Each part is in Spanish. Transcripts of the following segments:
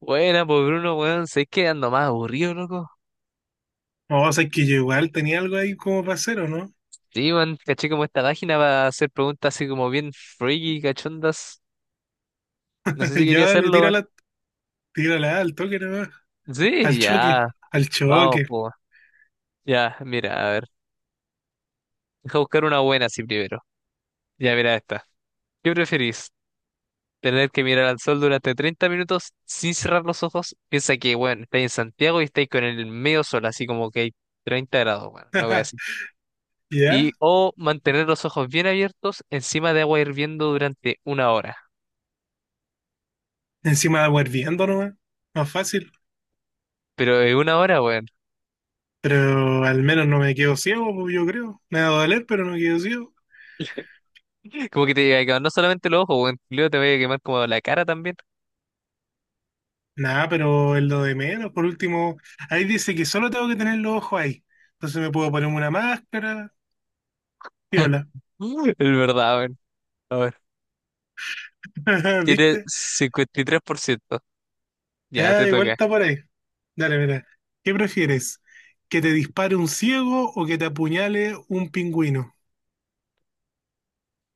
Buena, pues Bruno, weón, sé que ando más aburrido, loco. No, o sea, es que yo igual tenía algo ahí como para hacer, ¿o no? Sí, weón, caché como esta página para hacer preguntas así como bien freaky, cachondas. No sé si quería Ya dale, hacerlo, weón. tírala, tírala ah, al toque nomás. Sí, Al choque, ya, al vamos, choque. pues. Ya, mira, a ver. Deja buscar una buena así primero. Ya, mira esta. ¿Qué preferís? ¿Tener que mirar al sol durante 30 minutos sin cerrar los ojos? Piensa que, weón, estáis en Santiago y estáis con el medio sol, así como que hay 30 grados, weón, no voy así. ¿Ya? O mantener los ojos bien abiertos encima de agua hirviendo durante 1 hora. Encima de agua hirviendo nomás. Más fácil. Pero es 1 hora, weón. Pero al menos no me quedo ciego, pues, yo creo. Me va a doler, pero no quedo ciego. Como que te llega a quemar no solamente los ojos, weón. Luego te va a quemar como la cara también. Nada, pero es lo de menos. Por último, ahí dice que solo tengo que tener los ojos ahí. Entonces me puedo poner una máscara, piola. Es verdad, weón. A ver. Tiene ¿Viste? 53%. Ya Ah, te igual toca. está por ahí. Dale, mira. ¿Qué prefieres? ¿Que te dispare un ciego o que te apuñale un pingüino?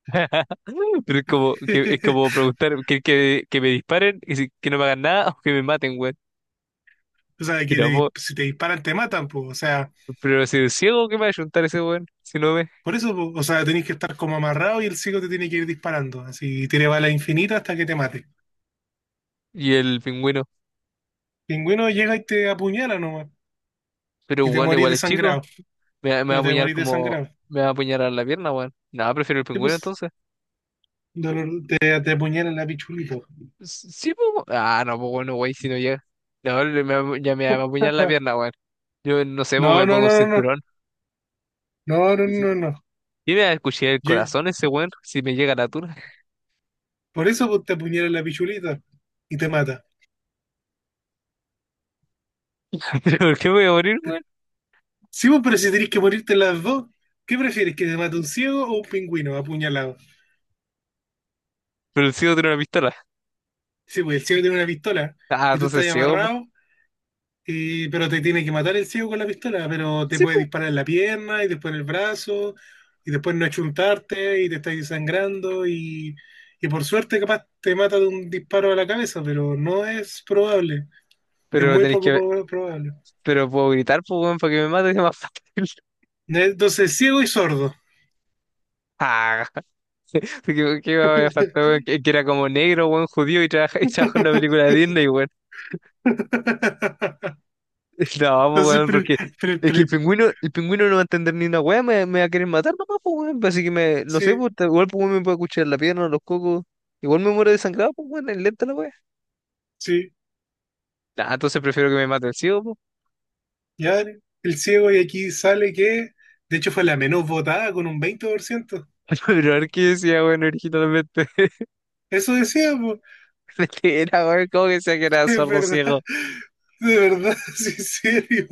Pero es como, preguntar que me disparen y que no me hagan nada o que me maten, weón. O sea, que Mira, po, si te disparan te matan, pues. O sea, pero si es ciego, ¿qué me va a ayuntar ese weón? Si no ve. por eso, po. O sea, tenés que estar como amarrado y el ciego te tiene que ir disparando. Así, tiene bala infinita hasta que te mate. Y el pingüino. Pingüino llega y te apuñala nomás. Pero Y te weón, morís igual es chico. desangrado. Me va a Pero te apuñar morís como. desangrado. Me va a apuñar a la pierna, weón. Nada, prefiero el Y pingüino pues, entonces. te apuñala en la pichulita. Sí, po. Ah, no, pues bueno, güey, si no llega. No, ya me va a apuñalar la pierna, güey. Yo no sé, pues No, me no, pongo un no, no, no. cinturón. No, no, Pues sí. no, no. Y me va a escuchar el Yo- corazón ese, güey, si me llega la tuna. Por eso pues, te apuñala la pichulita y te mata. ¿Pero por qué me voy a morir, güey? Sí, pues, pero si tenés que morirte en las dos, ¿qué prefieres? ¿Que te mate un ciego o un pingüino apuñalado? Pero el ciego tiene una pistola. Sí, pues el ciego tiene una pistola Ah, y tú estás entonces ahí ciego, po. amarrado, pero te tiene que matar el ciego con la pistola, pero te Sí, puede pues. disparar en la pierna y después en el brazo y después no achuntarte y te estás sangrando y por suerte capaz te mata de un disparo a la cabeza, pero no es probable, es Pero muy tenéis que. poco probable. Pero puedo gritar, pues, güey, para que me mate, es más fácil. Entonces, ciego y sordo. Ah, ¿qué me va a faltar, güey? Que era como negro, güey, judío y y trabajó en una película de Disney, güey. No, pues, Entonces, weón, porque pre- es que el pre- pingüino, el pingüino no va a entender ni una weá, me va a querer matar nomás, pues, weón. Pues, así que me, no sé, sí, pues, igual pues, weón, me puede escuchar la pierna, los cocos. Igual me muero desangrado, pues, weón, es lenta la weá. sí, Nah, entonces prefiero que me mate el ciego, pues. ya el ciego, y aquí sale que, de hecho, fue la menos votada con un 20%. Pero a ver qué decía, weón, originalmente. Eso decía, po. Mentira, weón, ¿cómo que decía que era Es sordo ciego? verdad, de verdad, sí, en serio,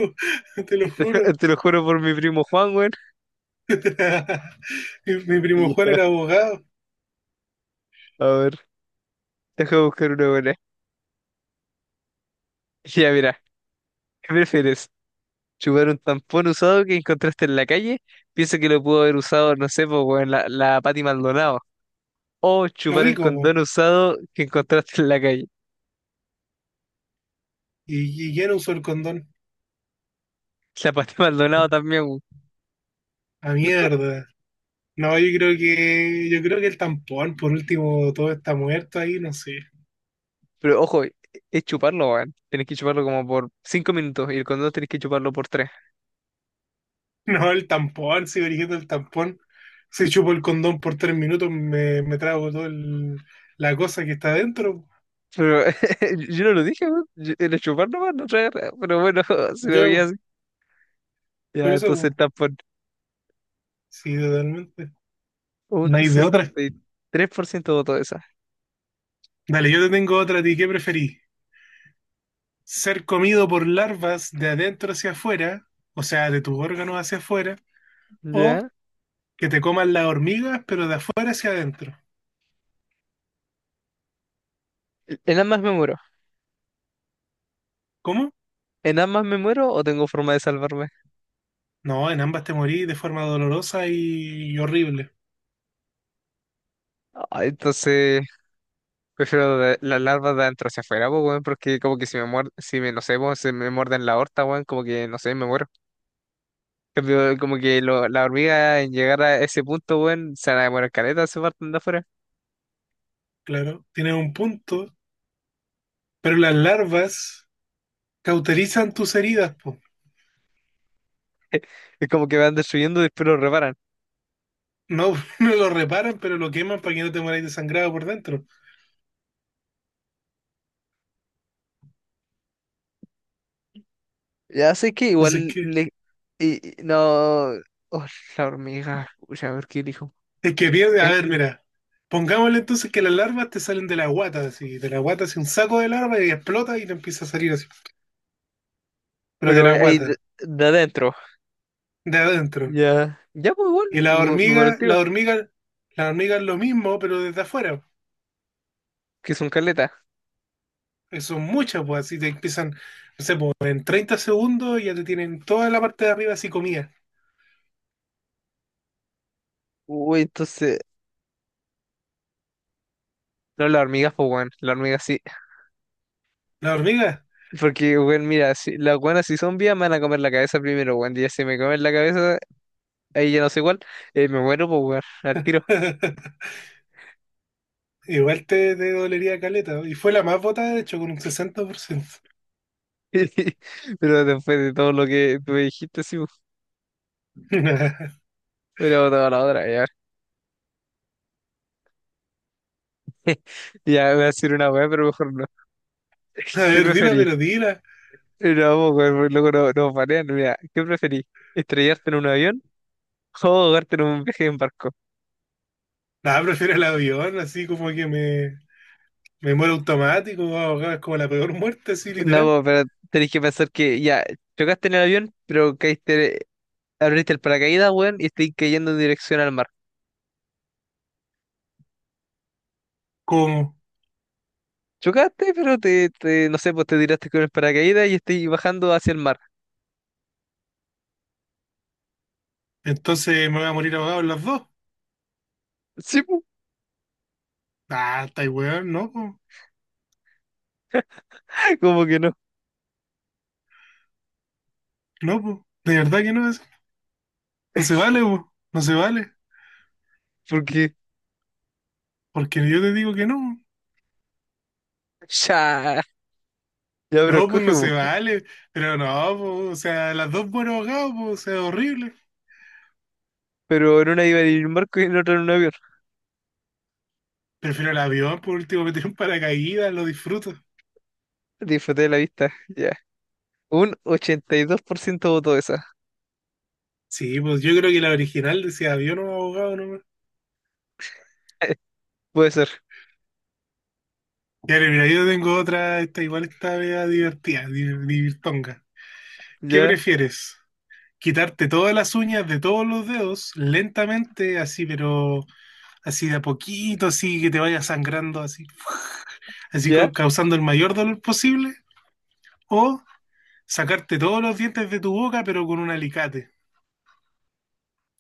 te lo juro. Te lo juro por mi primo Juan, weón. Mi primo Juan era Ya, abogado, a ver, deja buscar una buena. Ya, mira, ¿qué prefieres? Chupar un tampón usado que encontraste en la calle, pienso que lo pudo haber usado, no sé, pues, weón, la Pati Maldonado. O chupar un rico, po, condón usado que encontraste en la calle. y ya no usó el condón. La Pati Maldonado también, weón. A mierda. No, yo creo que el tampón, por último, todo está muerto ahí, no sé. Pero ojo, es chuparlo, weón. Tenés que chuparlo como por 5 minutos y el condón tenés que chuparlo por tres. No, el tampón, sigo eligiendo el tampón. Si chupo el condón por 3 minutos, me trago toda la cosa que está adentro. Pero yo no lo dije, weón. Era chuparlo, weón, no traer. Pero bueno, si lo Yo, veías. por Ya, eso, entonces po. tampón. Sí, totalmente. Un No hay de otra. 63% votó esa. Dale, yo te tengo otra. ¿A ti qué preferís? ¿Ser comido por larvas de adentro hacia afuera, o sea, de tus órganos hacia afuera, o ¿Ya? que te coman las hormigas, pero de afuera hacia adentro? En ambas me muero. ¿Cómo? ¿En ambas me muero o tengo forma de salvarme? No, en ambas te morís de forma dolorosa y horrible. Ay, entonces prefiero las larvas de adentro hacia afuera, po, weón, porque como que no sé, po, si me muerden la horta, weón, como que, no sé, me muero. En cambio, como que la hormiga en llegar a ese punto, weón, se van a demorar caleta, se parten de afuera. Claro, tienes un punto, pero las larvas cauterizan tus heridas, po. Es como que van destruyendo y después lo reparan. No, no lo reparan, pero lo queman para que no te mueras desangrado por dentro. Ya sé que Entonces, igual ¿qué? le. No. Oh, la hormiga, ya a ver qué dijo. Es que pierde. A ver, mira. Pongámosle entonces que las larvas te salen de la guata, así. De la guata, así un saco de larvas y explota y te empieza a salir así. Pero de Pero la ahí de, guata, de adentro. de adentro. Ya. Ya, pues, igual, Y la me muero el hormiga, tiro, la hormiga, la hormiga es lo mismo, pero desde afuera. que son caletas. Que son muchas, pues así te empiezan, no sé, pues, en 30 segundos ya te tienen toda la parte de arriba así comida. Uy, entonces, no, las hormigas, pues, weón. Las hormigas sí. La hormiga. Porque, weón, mira, si, las buenas si son vivas me van a comer la cabeza primero, weón. Y ya si me comen la cabeza, ahí ya no sé cuál, me muero, pues, weón, al tiro. Igual te dolería caleta, ¿no? Y fue la más votada, de hecho, con un 60%. Pero después de todo lo que tú me dijiste, sí, pues, pero toda la otra, ya. Ya voy a decir una weá, pero mejor no. A ¿Qué ver, dila, preferís? pero dila. No, pues, weón, porque luego no, nos banean, mira, ¿qué preferís? ¿Estrellarte en un avión o ahogarte en un viaje en barco? Nada, prefiero el avión, así como que me muero automático, ahogado, es como la peor muerte, así, No, literal. pues, pero tenés que pensar que ya, chocaste en el avión, pero caíste, abriste el paracaídas, weón, y estoy cayendo en dirección al mar. ¿Cómo? Chocaste, pero no sé, pues te tiraste con el paracaídas y estoy bajando hacia el mar. Entonces me voy a morir ahogado en las dos. Sí, pues, Ah, está weón, no, po. como que no, No, po. De verdad que no es. No se vale, po. No se vale. porque Porque yo te digo que no. ya, ya, pero No, pues escoge, no se pues. vale. Pero no, po. O sea, las dos muero ahogado, po. O sea, horrible. Pero en una iba en un barco y en otra en un avión. Prefiero el avión, por último, meter un paracaídas, lo disfruto. Disfruté de la vista, ya. Un 82% votó esa. Sí, pues yo creo que la original decía avión o abogado nomás. Puede ser, Ya, mira, yo tengo otra, esta igual está media divertida, divirtonga. ¿Qué ya, prefieres? ¿Quitarte todas las uñas de todos los dedos lentamente, así, pero así de a poquito, así que te vaya sangrando, así, así ya. Causando el mayor dolor posible? ¿O sacarte todos los dientes de tu boca, pero con un alicate?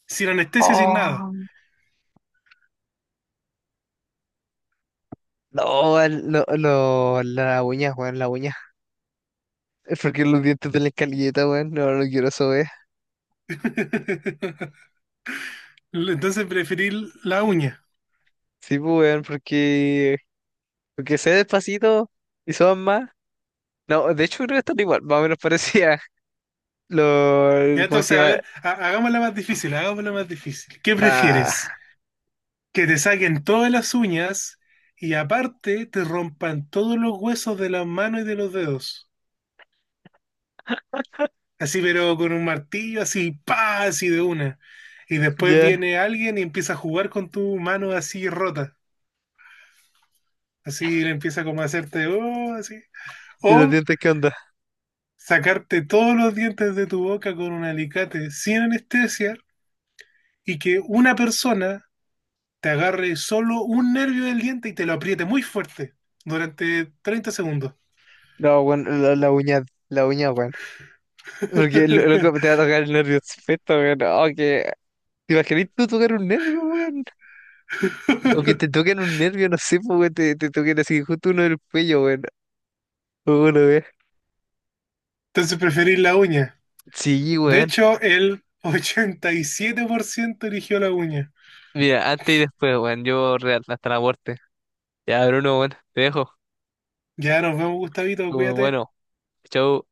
Sin anestesia, sin nada. Oh. No, no, no, la uña, weón, la uña. Es porque los dientes de la escalilleta, weón, no, no quiero eso, weón. Entonces preferir la uña. Sí, pues, weón, porque sé despacito y son más. No, de hecho creo que están igual, más o menos parecía lo, Ya, ¿cómo se entonces, a llama? ver, hagámosla más difícil, hagámosla más difícil. ¿Qué Ah, prefieres? ¿Que te saquen todas las uñas y aparte te rompan todos los huesos de las manos y de los dedos? Así, pero con un martillo, así, pa, así de una. Y después ya. viene alguien y empieza a jugar con tu mano así rota. Así le empieza como a hacerte, oh, así. ¿Y los O dientes qué onda? sacarte todos los dientes de tu boca con un alicate sin anestesia y que una persona te agarre solo un nervio del diente y te lo apriete muy fuerte durante 30 segundos. No, bueno, la uña, la uña, bueno. Porque loco te va a tocar el nervio perfecto, weón. Oh, ¿te imaginas tú tocar un nervio, weón? O que te toquen un nervio, no sé, pues, weón, te toquen así justo uno del cuello, weón. O uno, weón. Entonces preferís la uña. Sí, De weón. hecho, el 87% eligió la uña. Mira, antes y después, weón, yo real, hasta la muerte. Ya, Bruno, weón, te dejo. Ya nos vemos, Gustavito, cuídate. Bueno, chau.